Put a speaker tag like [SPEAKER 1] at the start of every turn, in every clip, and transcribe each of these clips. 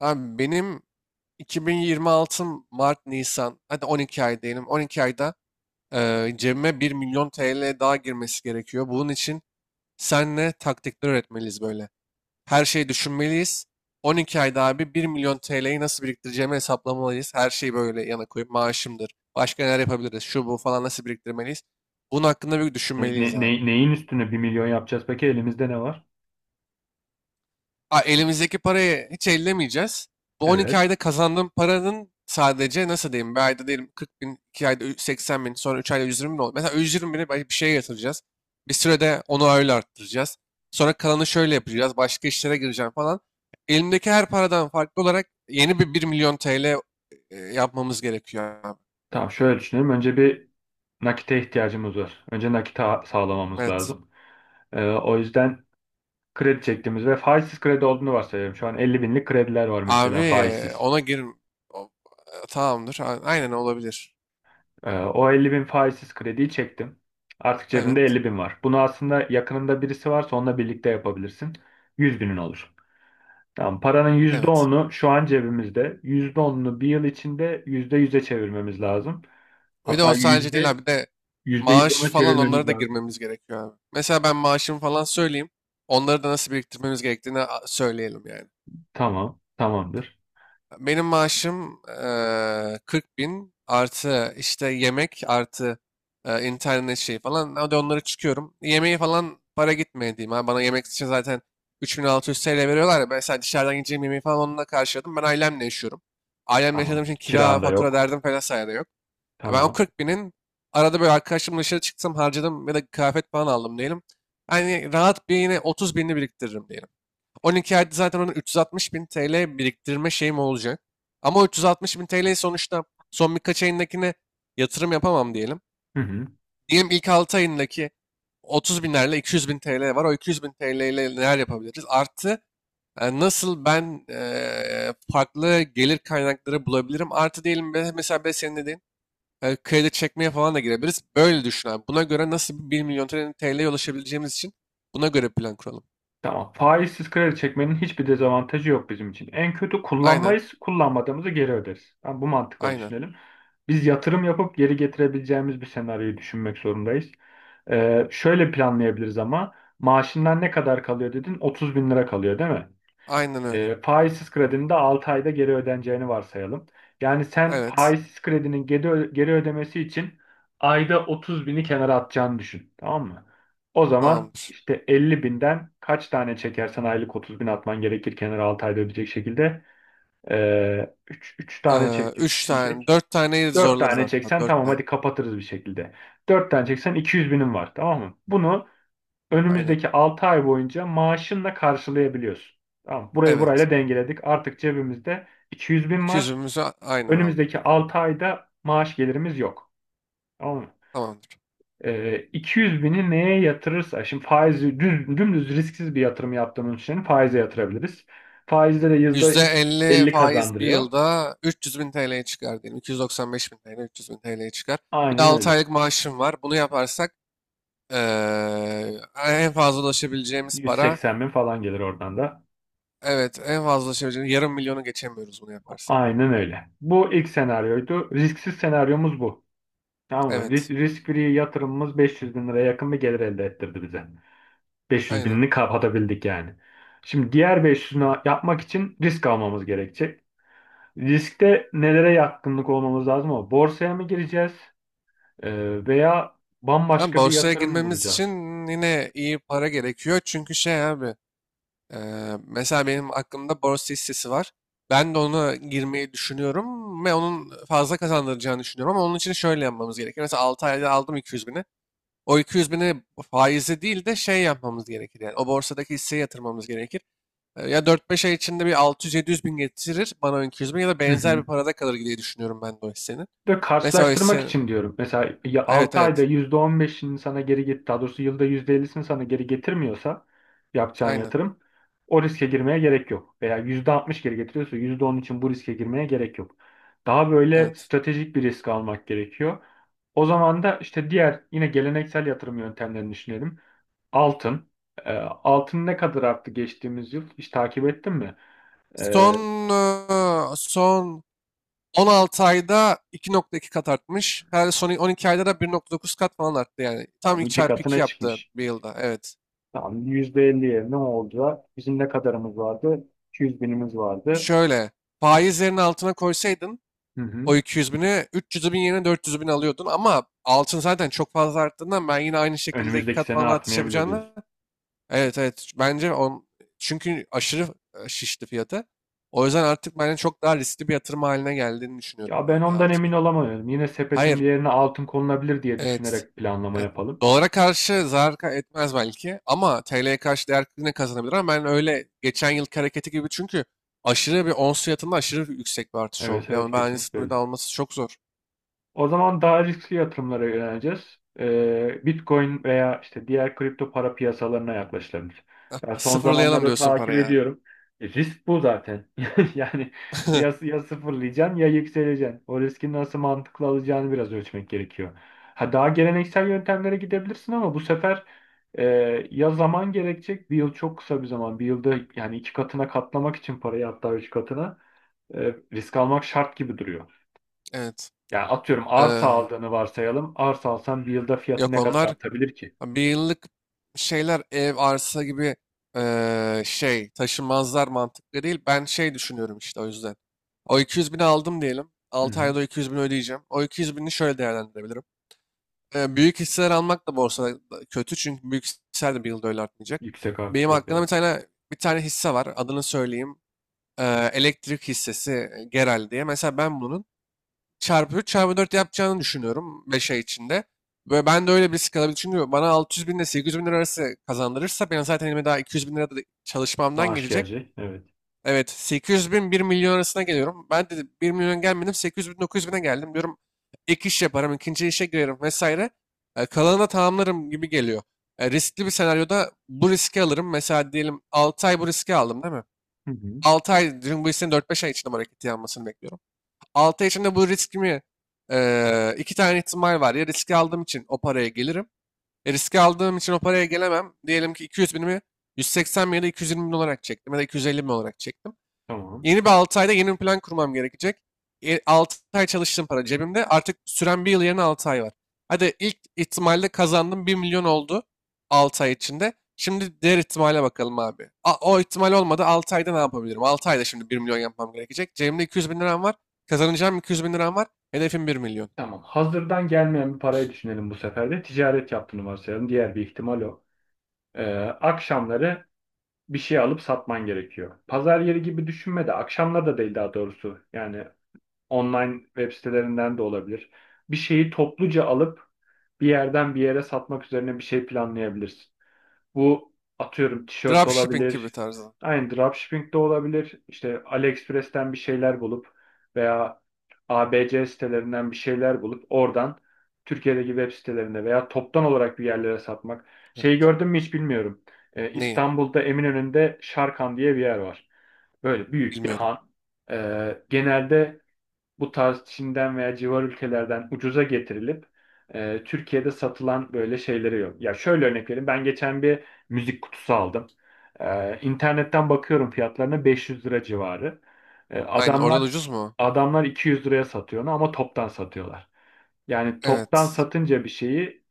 [SPEAKER 1] Abi benim 2026 Mart Nisan hadi 12 ay diyelim. 12 ayda cebime 1 milyon TL daha girmesi gerekiyor. Bunun için senle taktikler öğretmeliyiz böyle. Her şeyi düşünmeliyiz. 12 ayda abi bir milyon TL'yi nasıl biriktireceğimi hesaplamalıyız. Her şeyi böyle yana koyup maaşımdır. Başka neler yapabiliriz? Şu bu falan nasıl biriktirmeliyiz? Bunun hakkında bir düşünmeliyiz
[SPEAKER 2] Ne,
[SPEAKER 1] abi.
[SPEAKER 2] Neyin üstüne 1 milyon yapacağız? Peki elimizde ne var?
[SPEAKER 1] Elimizdeki parayı hiç ellemeyeceğiz. Bu 12
[SPEAKER 2] Evet.
[SPEAKER 1] ayda kazandığım paranın sadece nasıl diyeyim bir ayda diyelim 40 bin, 2 ayda 80 bin, sonra 3 ayda 120 bin oldu. Mesela 120 bini belki bir şeye yatıracağız. Bir sürede onu öyle arttıracağız. Sonra kalanı şöyle yapacağız. Başka işlere gireceğim falan. Elimdeki her paradan farklı olarak yeni bir 1 milyon TL yapmamız gerekiyor abi.
[SPEAKER 2] Tamam, şöyle düşünelim. Önce bir nakite ihtiyacımız var. Önce nakite sağlamamız
[SPEAKER 1] Evet.
[SPEAKER 2] lazım. O yüzden kredi çektiğimiz ve faizsiz kredi olduğunu varsayıyorum. Şu an 50 binlik krediler var
[SPEAKER 1] Abi
[SPEAKER 2] mesela, faizsiz.
[SPEAKER 1] ona gir. o- Tamamdır. Aynen olabilir.
[SPEAKER 2] O 50 bin faizsiz krediyi çektim. Artık cebimde
[SPEAKER 1] Evet.
[SPEAKER 2] 50 bin var. Bunu aslında yakınında birisi varsa onunla birlikte yapabilirsin. 100 binin olur. Tamam, paranın yüzde
[SPEAKER 1] Evet.
[SPEAKER 2] onu şu an cebimizde. %10'unu bir yıl içinde %100'e çevirmemiz lazım.
[SPEAKER 1] Bir de
[SPEAKER 2] Hatta
[SPEAKER 1] o sadece değil abi. Bir de
[SPEAKER 2] %100
[SPEAKER 1] maaş
[SPEAKER 2] ona
[SPEAKER 1] falan onlara
[SPEAKER 2] çevirmemiz
[SPEAKER 1] da
[SPEAKER 2] lazım.
[SPEAKER 1] girmemiz gerekiyor abi. Mesela ben maaşımı falan söyleyeyim. Onları da nasıl biriktirmemiz gerektiğini söyleyelim yani.
[SPEAKER 2] Tamam. Tamamdır.
[SPEAKER 1] Benim maaşım 40 bin artı işte yemek artı internet şeyi falan. Hadi onları çıkıyorum. Yemeği falan para gitmeye diyeyim. Abi. Bana yemek için zaten 3600 TL veriyorlar ya. Mesela dışarıdan yiyeceğim yemeği falan onunla karşıladım. Ben ailemle yaşıyorum. Ailemle yaşadığım
[SPEAKER 2] Tamam.
[SPEAKER 1] için kira,
[SPEAKER 2] Kiran da
[SPEAKER 1] fatura
[SPEAKER 2] yok.
[SPEAKER 1] derdim falan sayede yok. Ya ben o
[SPEAKER 2] Tamam.
[SPEAKER 1] 40 binin arada böyle arkadaşımla dışarı çıktım harcadım ve de kıyafet falan aldım diyelim. Hani rahat bir yine 30 binini biriktiririm diyelim. 12 ayda zaten onun 360 bin TL biriktirme şeyim olacak. Ama o 360 bin TL'yi sonuçta son birkaç ayındakine yatırım yapamam diyelim.
[SPEAKER 2] Hı hı.
[SPEAKER 1] Diyelim ilk 6 ayındaki 30 binlerle 200 bin TL var. O 200 bin TL ile neler yapabiliriz? Artı nasıl ben farklı gelir kaynakları bulabilirim? Artı diyelim mesela ben senin dediğin kredi çekmeye falan da girebiliriz. Böyle düşün abi. Buna göre nasıl bir 1 milyon TL'ye ulaşabileceğimiz için buna göre plan kuralım.
[SPEAKER 2] Tamam. Faizsiz kredi çekmenin hiçbir dezavantajı yok bizim için. En kötü
[SPEAKER 1] Aynen.
[SPEAKER 2] kullanmayız, kullanmadığımızı geri öderiz. Tamam, bu mantıkla
[SPEAKER 1] Aynen.
[SPEAKER 2] düşünelim. Biz yatırım yapıp geri getirebileceğimiz bir senaryoyu düşünmek zorundayız. Şöyle planlayabiliriz ama maaşından ne kadar kalıyor dedin? 30 bin lira kalıyor, değil mi?
[SPEAKER 1] Aynen öyle.
[SPEAKER 2] Faizsiz kredinin de 6 ayda geri ödeneceğini varsayalım. Yani sen
[SPEAKER 1] Evet.
[SPEAKER 2] faizsiz kredinin geri ödemesi için ayda 30 bini kenara atacağını düşün. Tamam mı? O zaman
[SPEAKER 1] Tamamdır.
[SPEAKER 2] işte 50 binden kaç tane çekersen aylık 30 bin atman gerekir kenara, 6 ayda ödeyecek şekilde. 3 tane çektiğini
[SPEAKER 1] 3 tane,
[SPEAKER 2] düşünecek.
[SPEAKER 1] 4 taneyi
[SPEAKER 2] 4
[SPEAKER 1] zorlarız
[SPEAKER 2] tane
[SPEAKER 1] hatta.
[SPEAKER 2] çeksen
[SPEAKER 1] 4
[SPEAKER 2] tamam,
[SPEAKER 1] tane.
[SPEAKER 2] hadi kapatırız bir şekilde. 4 tane çeksen 200 binin var, tamam mı? Bunu
[SPEAKER 1] Aynen.
[SPEAKER 2] önümüzdeki 6 ay boyunca maaşınla karşılayabiliyorsun. Tamam, burayı
[SPEAKER 1] Evet.
[SPEAKER 2] burayla dengeledik. Artık cebimizde 200 bin var.
[SPEAKER 1] 200'ümüzü aynen aldık
[SPEAKER 2] Önümüzdeki
[SPEAKER 1] direkt.
[SPEAKER 2] 6 ayda maaş gelirimiz yok. Tamam mı?
[SPEAKER 1] Tamamdır.
[SPEAKER 2] 200 bini neye yatırırsa, şimdi faizi düz, dümdüz risksiz bir yatırım yaptığımız için faize yatırabiliriz. Faizde de yüzde
[SPEAKER 1] %50
[SPEAKER 2] 50
[SPEAKER 1] faiz bir
[SPEAKER 2] kazandırıyor.
[SPEAKER 1] yılda 300 bin TL'ye çıkar diyelim. 295 bin TL, 300 bin TL'ye çıkar. Bir de
[SPEAKER 2] Aynen
[SPEAKER 1] 6
[SPEAKER 2] öyle.
[SPEAKER 1] aylık maaşım var. Bunu yaparsak ee, en fazla ulaşabileceğimiz para.
[SPEAKER 2] 180 bin falan gelir oradan da.
[SPEAKER 1] Evet, en fazla ulaşabileceğimiz yarım milyonu geçemiyoruz bunu yaparsak.
[SPEAKER 2] Aynen öyle. Bu ilk senaryoydu. Risksiz senaryomuz bu. Tamam mı? Risk,
[SPEAKER 1] Evet,
[SPEAKER 2] risk free yatırımımız 500 bin liraya yakın bir gelir elde ettirdi bize. 500
[SPEAKER 1] aynen.
[SPEAKER 2] binini kapatabildik yani. Şimdi diğer 500'ünü yapmak için risk almamız gerekecek. Riskte nelere yatkınlık olmamız lazım, ama borsaya mı gireceğiz veya
[SPEAKER 1] Ama
[SPEAKER 2] bambaşka bir
[SPEAKER 1] borsaya
[SPEAKER 2] yatırım mı
[SPEAKER 1] girmemiz için
[SPEAKER 2] bulacağız?
[SPEAKER 1] yine iyi para gerekiyor. Çünkü şey abi, e, mesela benim aklımda borsa hissesi var. Ben de ona girmeyi düşünüyorum ve onun fazla kazandıracağını düşünüyorum. Ama onun için şöyle yapmamız gerekir. Mesela 6 ayda aldım 200 bini. O 200 bini faizi değil de şey yapmamız gerekir. Yani o borsadaki hisseye yatırmamız gerekir. Ya dört beş ay içinde bir altı yüz yedi yüz bin getirir bana o 200 bin ya da
[SPEAKER 2] Hı
[SPEAKER 1] benzer bir
[SPEAKER 2] hı.
[SPEAKER 1] parada kalır diye düşünüyorum ben de o hissenin.
[SPEAKER 2] De
[SPEAKER 1] Mesela
[SPEAKER 2] karşılaştırmak
[SPEAKER 1] işte
[SPEAKER 2] için diyorum. Mesela ya
[SPEAKER 1] evet
[SPEAKER 2] 6 ayda
[SPEAKER 1] evet
[SPEAKER 2] %15'ini sana geri get, daha doğrusu yılda %50'sini sana geri getirmiyorsa yapacağın
[SPEAKER 1] aynen
[SPEAKER 2] yatırım, o riske girmeye gerek yok. Veya %60 geri getiriyorsa %10 için bu riske girmeye gerek yok. Daha böyle
[SPEAKER 1] evet.
[SPEAKER 2] stratejik bir risk almak gerekiyor. O zaman da işte diğer yine geleneksel yatırım yöntemlerini düşünelim. Altın. Altın ne kadar arttı geçtiğimiz yıl? Hiç takip ettin mi? Ee,
[SPEAKER 1] Son son 16 ayda 2,2 kat artmış. Her son 12 ayda da 1,9 kat falan arttı yani. Tam
[SPEAKER 2] Yani
[SPEAKER 1] 2
[SPEAKER 2] iki
[SPEAKER 1] çarpı 2
[SPEAKER 2] katına
[SPEAKER 1] yaptı
[SPEAKER 2] çıkmış.
[SPEAKER 1] bir yılda evet.
[SPEAKER 2] Tamam, %50'ye ne olacak? Bizim ne kadarımız vardı? 200 binimiz vardı.
[SPEAKER 1] Şöyle faizlerin altına koysaydın
[SPEAKER 2] Hı hı.
[SPEAKER 1] o 200 bini 300 bin yerine 400 bin alıyordun ama altın zaten çok fazla arttığından ben yine aynı şekilde 2
[SPEAKER 2] Önümüzdeki
[SPEAKER 1] kat
[SPEAKER 2] sene
[SPEAKER 1] falan artış
[SPEAKER 2] artmayabilir diyorsun.
[SPEAKER 1] yapacağını. Evet evet. Bence çünkü aşırı şişti fiyatı. O yüzden artık bence çok daha riskli bir yatırım haline geldiğini düşünüyorum
[SPEAKER 2] Ya
[SPEAKER 1] ben
[SPEAKER 2] ben
[SPEAKER 1] ya
[SPEAKER 2] ondan emin
[SPEAKER 1] altını.
[SPEAKER 2] olamıyorum. Yine sepetin bir
[SPEAKER 1] Hayır.
[SPEAKER 2] yerine altın konulabilir diye
[SPEAKER 1] Evet.
[SPEAKER 2] düşünerek planlama
[SPEAKER 1] Evet.
[SPEAKER 2] yapalım.
[SPEAKER 1] Dolara karşı zarar etmez belki ama TL'ye karşı değer yine kazanabilir ama ben öyle geçen yılki hareketi gibi çünkü aşırı bir ons fiyatında aşırı yüksek bir artış
[SPEAKER 2] Evet,
[SPEAKER 1] oldu.
[SPEAKER 2] evet,
[SPEAKER 1] Yani bence
[SPEAKER 2] kesinlikle
[SPEAKER 1] sınırda
[SPEAKER 2] öyle.
[SPEAKER 1] alması çok zor.
[SPEAKER 2] O zaman daha riskli yatırımlara yöneleceğiz. Bitcoin veya işte diğer kripto para piyasalarına yaklaşılabilir. Ben son
[SPEAKER 1] Sıfırlayalım
[SPEAKER 2] zamanlarda
[SPEAKER 1] diyorsun
[SPEAKER 2] takip
[SPEAKER 1] parayı abi.
[SPEAKER 2] ediyorum. Risk bu zaten. Yani ya, ya sıfırlayacaksın ya yükseleceksin. O riski nasıl mantıklı alacağını biraz ölçmek gerekiyor. Ha, daha geleneksel yöntemlere gidebilirsin ama bu sefer e, ya zaman gerekecek. Bir yıl çok kısa bir zaman. Bir yılda yani iki katına katlamak için parayı, hatta üç katına risk almak şart gibi duruyor.
[SPEAKER 1] Evet.
[SPEAKER 2] Yani atıyorum arsa
[SPEAKER 1] Ee,
[SPEAKER 2] aldığını varsayalım. Arsa alsan bir yılda fiyatı
[SPEAKER 1] Yok
[SPEAKER 2] ne kadar
[SPEAKER 1] onlar.
[SPEAKER 2] artabilir ki?
[SPEAKER 1] Ha, bir yıllık şeyler, ev, arsa gibi şey taşınmazlar mantıklı değil. Ben şey düşünüyorum işte o yüzden. O 200 bini aldım diyelim.
[SPEAKER 2] Hı
[SPEAKER 1] 6
[SPEAKER 2] hı.
[SPEAKER 1] ayda o 200 bini ödeyeceğim. O 200 bini şöyle değerlendirebilirim. Büyük hisseler almak da borsada da kötü çünkü büyük hisseler de bir yılda öyle artmayacak.
[SPEAKER 2] Yüksek artış
[SPEAKER 1] Benim
[SPEAKER 2] yok,
[SPEAKER 1] hakkında
[SPEAKER 2] evet.
[SPEAKER 1] bir tane hisse var. Adını söyleyeyim. Elektrik hissesi Geral diye. Mesela ben bunun çarpı 3 çarpı 4 yapacağını düşünüyorum 5 ay içinde. Ve ben de öyle bir risk alabilirim. Çünkü bana 600 bin ile 800 bin lira arası kazandırırsa ben zaten elime daha 200 bin lira da çalışmamdan
[SPEAKER 2] Maaş
[SPEAKER 1] gelecek.
[SPEAKER 2] gelecek, evet.
[SPEAKER 1] Evet, 800 bin bir milyon arasına geliyorum. Ben de bir milyon gelmedim 800 bin 900 bine geldim diyorum. Ek iş yaparım, ikinci işe girerim vesaire. Kalanını tamamlarım gibi geliyor. Riskli bir senaryoda bu riski alırım. Mesela diyelim 6 ay bu riski aldım değil mi?
[SPEAKER 2] Hı hı.
[SPEAKER 1] 6 ay, diyelim bu hissenin dört beş ay içinde bu hareketi yanmasını bekliyorum. 6 ay içinde bu riskimi iki tane ihtimal var. Ya riski aldığım için o paraya gelirim. Ya riski aldığım için o paraya gelemem. Diyelim ki 200 binimi 180 bin ya da 220 bin olarak çektim ya da 250 bin olarak çektim.
[SPEAKER 2] Tamam.
[SPEAKER 1] Yeni bir 6 ayda yeni bir plan kurmam gerekecek. 6 ay çalıştığım para cebimde. Artık süren bir yıl yerine 6 ay var. Hadi ilk ihtimalle kazandım bir milyon oldu 6 ay içinde. Şimdi diğer ihtimale bakalım abi. O ihtimal olmadı 6 ayda ne yapabilirim? 6 ayda şimdi bir milyon yapmam gerekecek. Cebimde 200 bin liram var. Kazanacağım 200 bin liram var. Hedefim bir milyon.
[SPEAKER 2] Tamam. Hazırdan gelmeyen bir parayı düşünelim bu sefer de. Ticaret yaptığını varsayalım. Diğer bir ihtimal o. Ee, Akşamları bir şey alıp satman gerekiyor. Pazar yeri gibi düşünme de, akşamları da değil daha doğrusu. Yani online web sitelerinden de olabilir. Bir şeyi topluca alıp bir yerden bir yere satmak üzerine bir şey planlayabilirsin. Bu, atıyorum, tişört
[SPEAKER 1] Dropshipping gibi
[SPEAKER 2] olabilir.
[SPEAKER 1] tarzı.
[SPEAKER 2] Aynı dropshipping de olabilir. İşte AliExpress'ten bir şeyler bulup veya ABC sitelerinden bir şeyler bulup oradan Türkiye'deki web sitelerinde veya toptan olarak bir yerlere satmak.
[SPEAKER 1] Ya,
[SPEAKER 2] Şeyi gördün mü hiç bilmiyorum.
[SPEAKER 1] neyi?
[SPEAKER 2] İstanbul'da Eminönü'nde Şarkan diye bir yer var. Böyle büyük bir
[SPEAKER 1] Bilmiyorum.
[SPEAKER 2] han. Genelde bu tarz Çin'den veya civar ülkelerden ucuza getirilip Türkiye'de satılan böyle şeyleri yok. Ya şöyle örnek vereyim. Ben geçen bir müzik kutusu aldım. İnternetten bakıyorum fiyatlarına 500 lira civarı. E,
[SPEAKER 1] Aynen, orada da
[SPEAKER 2] adamlar
[SPEAKER 1] ucuz mu?
[SPEAKER 2] adamlar 200 liraya satıyor onu, ama toptan satıyorlar. Yani toptan
[SPEAKER 1] Evet.
[SPEAKER 2] satınca bir şeyi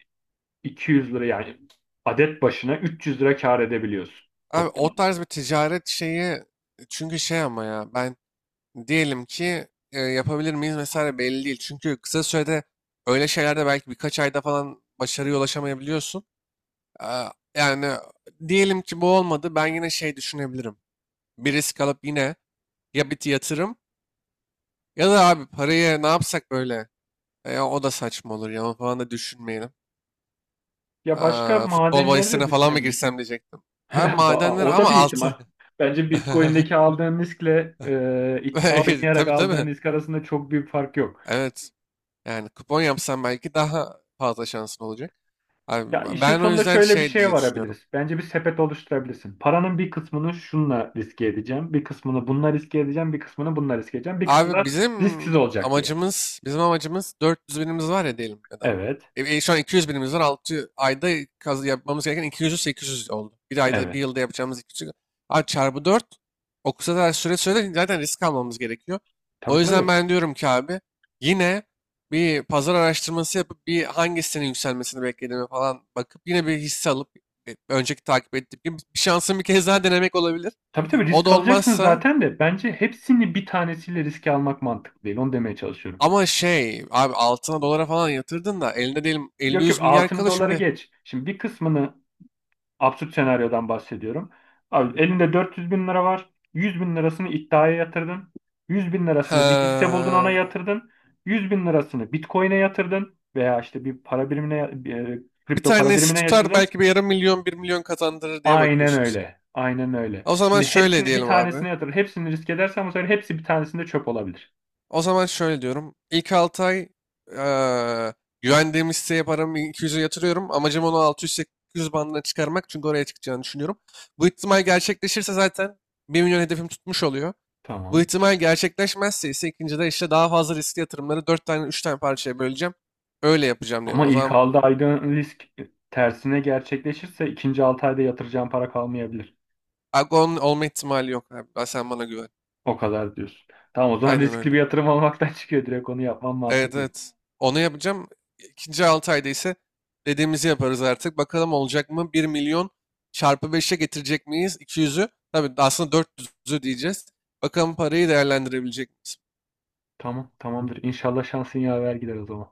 [SPEAKER 2] 200 lira, yani adet başına 300 lira kâr edebiliyorsun
[SPEAKER 1] Abi
[SPEAKER 2] toptan.
[SPEAKER 1] o tarz bir ticaret şeyi, çünkü şey ama ya ben diyelim ki yapabilir miyiz mesela belli değil. Çünkü kısa sürede öyle şeylerde belki birkaç ayda falan başarıya ulaşamayabiliyorsun. Yani diyelim ki bu olmadı ben yine şey düşünebilirim. Bir risk alıp yine ya bir yatırım ya da abi parayı ne yapsak böyle. O da saçma olur ya falan da düşünmeyelim.
[SPEAKER 2] Ya başka
[SPEAKER 1] Futbol
[SPEAKER 2] madenleri de
[SPEAKER 1] bahisine falan mı girsem
[SPEAKER 2] düşünebilirsin.
[SPEAKER 1] diyecektim. Ama madenler
[SPEAKER 2] O da
[SPEAKER 1] ama
[SPEAKER 2] bir ihtimal.
[SPEAKER 1] altı.
[SPEAKER 2] Bence Bitcoin'deki aldığın riskle iddia oynayarak
[SPEAKER 1] Tabii
[SPEAKER 2] aldığın
[SPEAKER 1] tabii.
[SPEAKER 2] risk arasında çok büyük fark yok.
[SPEAKER 1] Evet. Yani kupon yapsan belki daha fazla şansın olacak. Abi,
[SPEAKER 2] Ya, işin
[SPEAKER 1] ben o
[SPEAKER 2] sonunda
[SPEAKER 1] yüzden
[SPEAKER 2] şöyle bir
[SPEAKER 1] şey
[SPEAKER 2] şeye
[SPEAKER 1] diye düşünüyorum.
[SPEAKER 2] varabiliriz. Bence bir sepet oluşturabilirsin. Paranın bir kısmını şunla riske edeceğim, bir kısmını bununla riske edeceğim, bir kısmını bununla riske edeceğim, bir kısmı da
[SPEAKER 1] Abi bizim
[SPEAKER 2] risksiz olacak diye.
[SPEAKER 1] amacımız, bizim amacımız 400 binimiz var ya diyelim ya da.
[SPEAKER 2] Evet,
[SPEAKER 1] Şu an 200 binimiz var. Altı ayda yapmamız gereken 200'ü 800 oldu. Bir ayda, bir
[SPEAKER 2] evet.
[SPEAKER 1] yılda yapacağımız 200. Abi çarpı 4 o kadar süre zaten risk almamız gerekiyor.
[SPEAKER 2] Tabii,
[SPEAKER 1] O yüzden
[SPEAKER 2] tabii.
[SPEAKER 1] ben diyorum ki abi yine bir pazar araştırması yapıp bir hangisinin yükselmesini beklediğimi falan bakıp yine bir hisse alıp önceki takip ettiğim gibi bir şansın bir kez daha denemek olabilir.
[SPEAKER 2] Tabii, tabii,
[SPEAKER 1] O da
[SPEAKER 2] risk alacaksın
[SPEAKER 1] olmazsa.
[SPEAKER 2] zaten de bence hepsini bir tanesiyle riske almak mantıklı değil. Onu demeye çalışıyorum.
[SPEAKER 1] Ama şey abi altına dolara falan yatırdın da elinde diyelim
[SPEAKER 2] Yok, yok,
[SPEAKER 1] 50-100 milyar
[SPEAKER 2] altını
[SPEAKER 1] kalır
[SPEAKER 2] dolara
[SPEAKER 1] şimdi.
[SPEAKER 2] geç. Şimdi bir kısmını, absürt senaryodan bahsediyorum. Abi, elinde 400 bin lira var. 100 bin lirasını iddiaya yatırdın. 100 bin
[SPEAKER 1] Ha,
[SPEAKER 2] lirasını bir hisse buldun, ona yatırdın. 100 bin lirasını Bitcoin'e yatırdın. Veya işte bir para birimine, bir,
[SPEAKER 1] bir
[SPEAKER 2] kripto para
[SPEAKER 1] tanesi
[SPEAKER 2] birimine
[SPEAKER 1] tutar
[SPEAKER 2] yatırdın.
[SPEAKER 1] belki bir yarım milyon bir milyon kazandırır diye
[SPEAKER 2] Aynen
[SPEAKER 1] bakıyorsun sen.
[SPEAKER 2] öyle. Aynen öyle.
[SPEAKER 1] O zaman
[SPEAKER 2] Şimdi
[SPEAKER 1] şöyle
[SPEAKER 2] hepsini bir
[SPEAKER 1] diyelim abi.
[SPEAKER 2] tanesine yatır. Hepsini risk edersen bu sefer hepsi bir tanesinde çöp olabilir.
[SPEAKER 1] O zaman şöyle diyorum. İlk 6 ay eee güvendiğim hisseye paramı 200'e yatırıyorum. Amacım onu 600-800 bandına çıkarmak çünkü oraya çıkacağını düşünüyorum. Bu ihtimal gerçekleşirse zaten bir milyon hedefim tutmuş oluyor. Bu
[SPEAKER 2] Tamam.
[SPEAKER 1] ihtimal gerçekleşmezse ise ikincide işte daha fazla riskli yatırımları 4 tane 3 tane parçaya böleceğim. Öyle yapacağım diyelim.
[SPEAKER 2] Ama
[SPEAKER 1] O
[SPEAKER 2] ilk
[SPEAKER 1] zaman
[SPEAKER 2] aldığı ayda risk tersine gerçekleşirse ikinci 6 ayda yatıracağın para kalmayabilir.
[SPEAKER 1] Agon olma ihtimali yok abi. Sen bana güven.
[SPEAKER 2] O kadar diyorsun. Tamam, o zaman
[SPEAKER 1] Aynen
[SPEAKER 2] riskli bir
[SPEAKER 1] öyle.
[SPEAKER 2] yatırım olmaktan çıkıyor. Direkt onu yapman
[SPEAKER 1] Evet
[SPEAKER 2] mantıklı.
[SPEAKER 1] evet. Onu yapacağım. İkinci 6 ayda ise dediğimizi yaparız artık. Bakalım olacak mı? Bir milyon çarpı beşe getirecek miyiz? İki yüzü, tabii aslında dört yüzü diyeceğiz. Bakalım parayı değerlendirebilecek miyiz?
[SPEAKER 2] Tamam, tamamdır. İnşallah şansın yaver gider o zaman.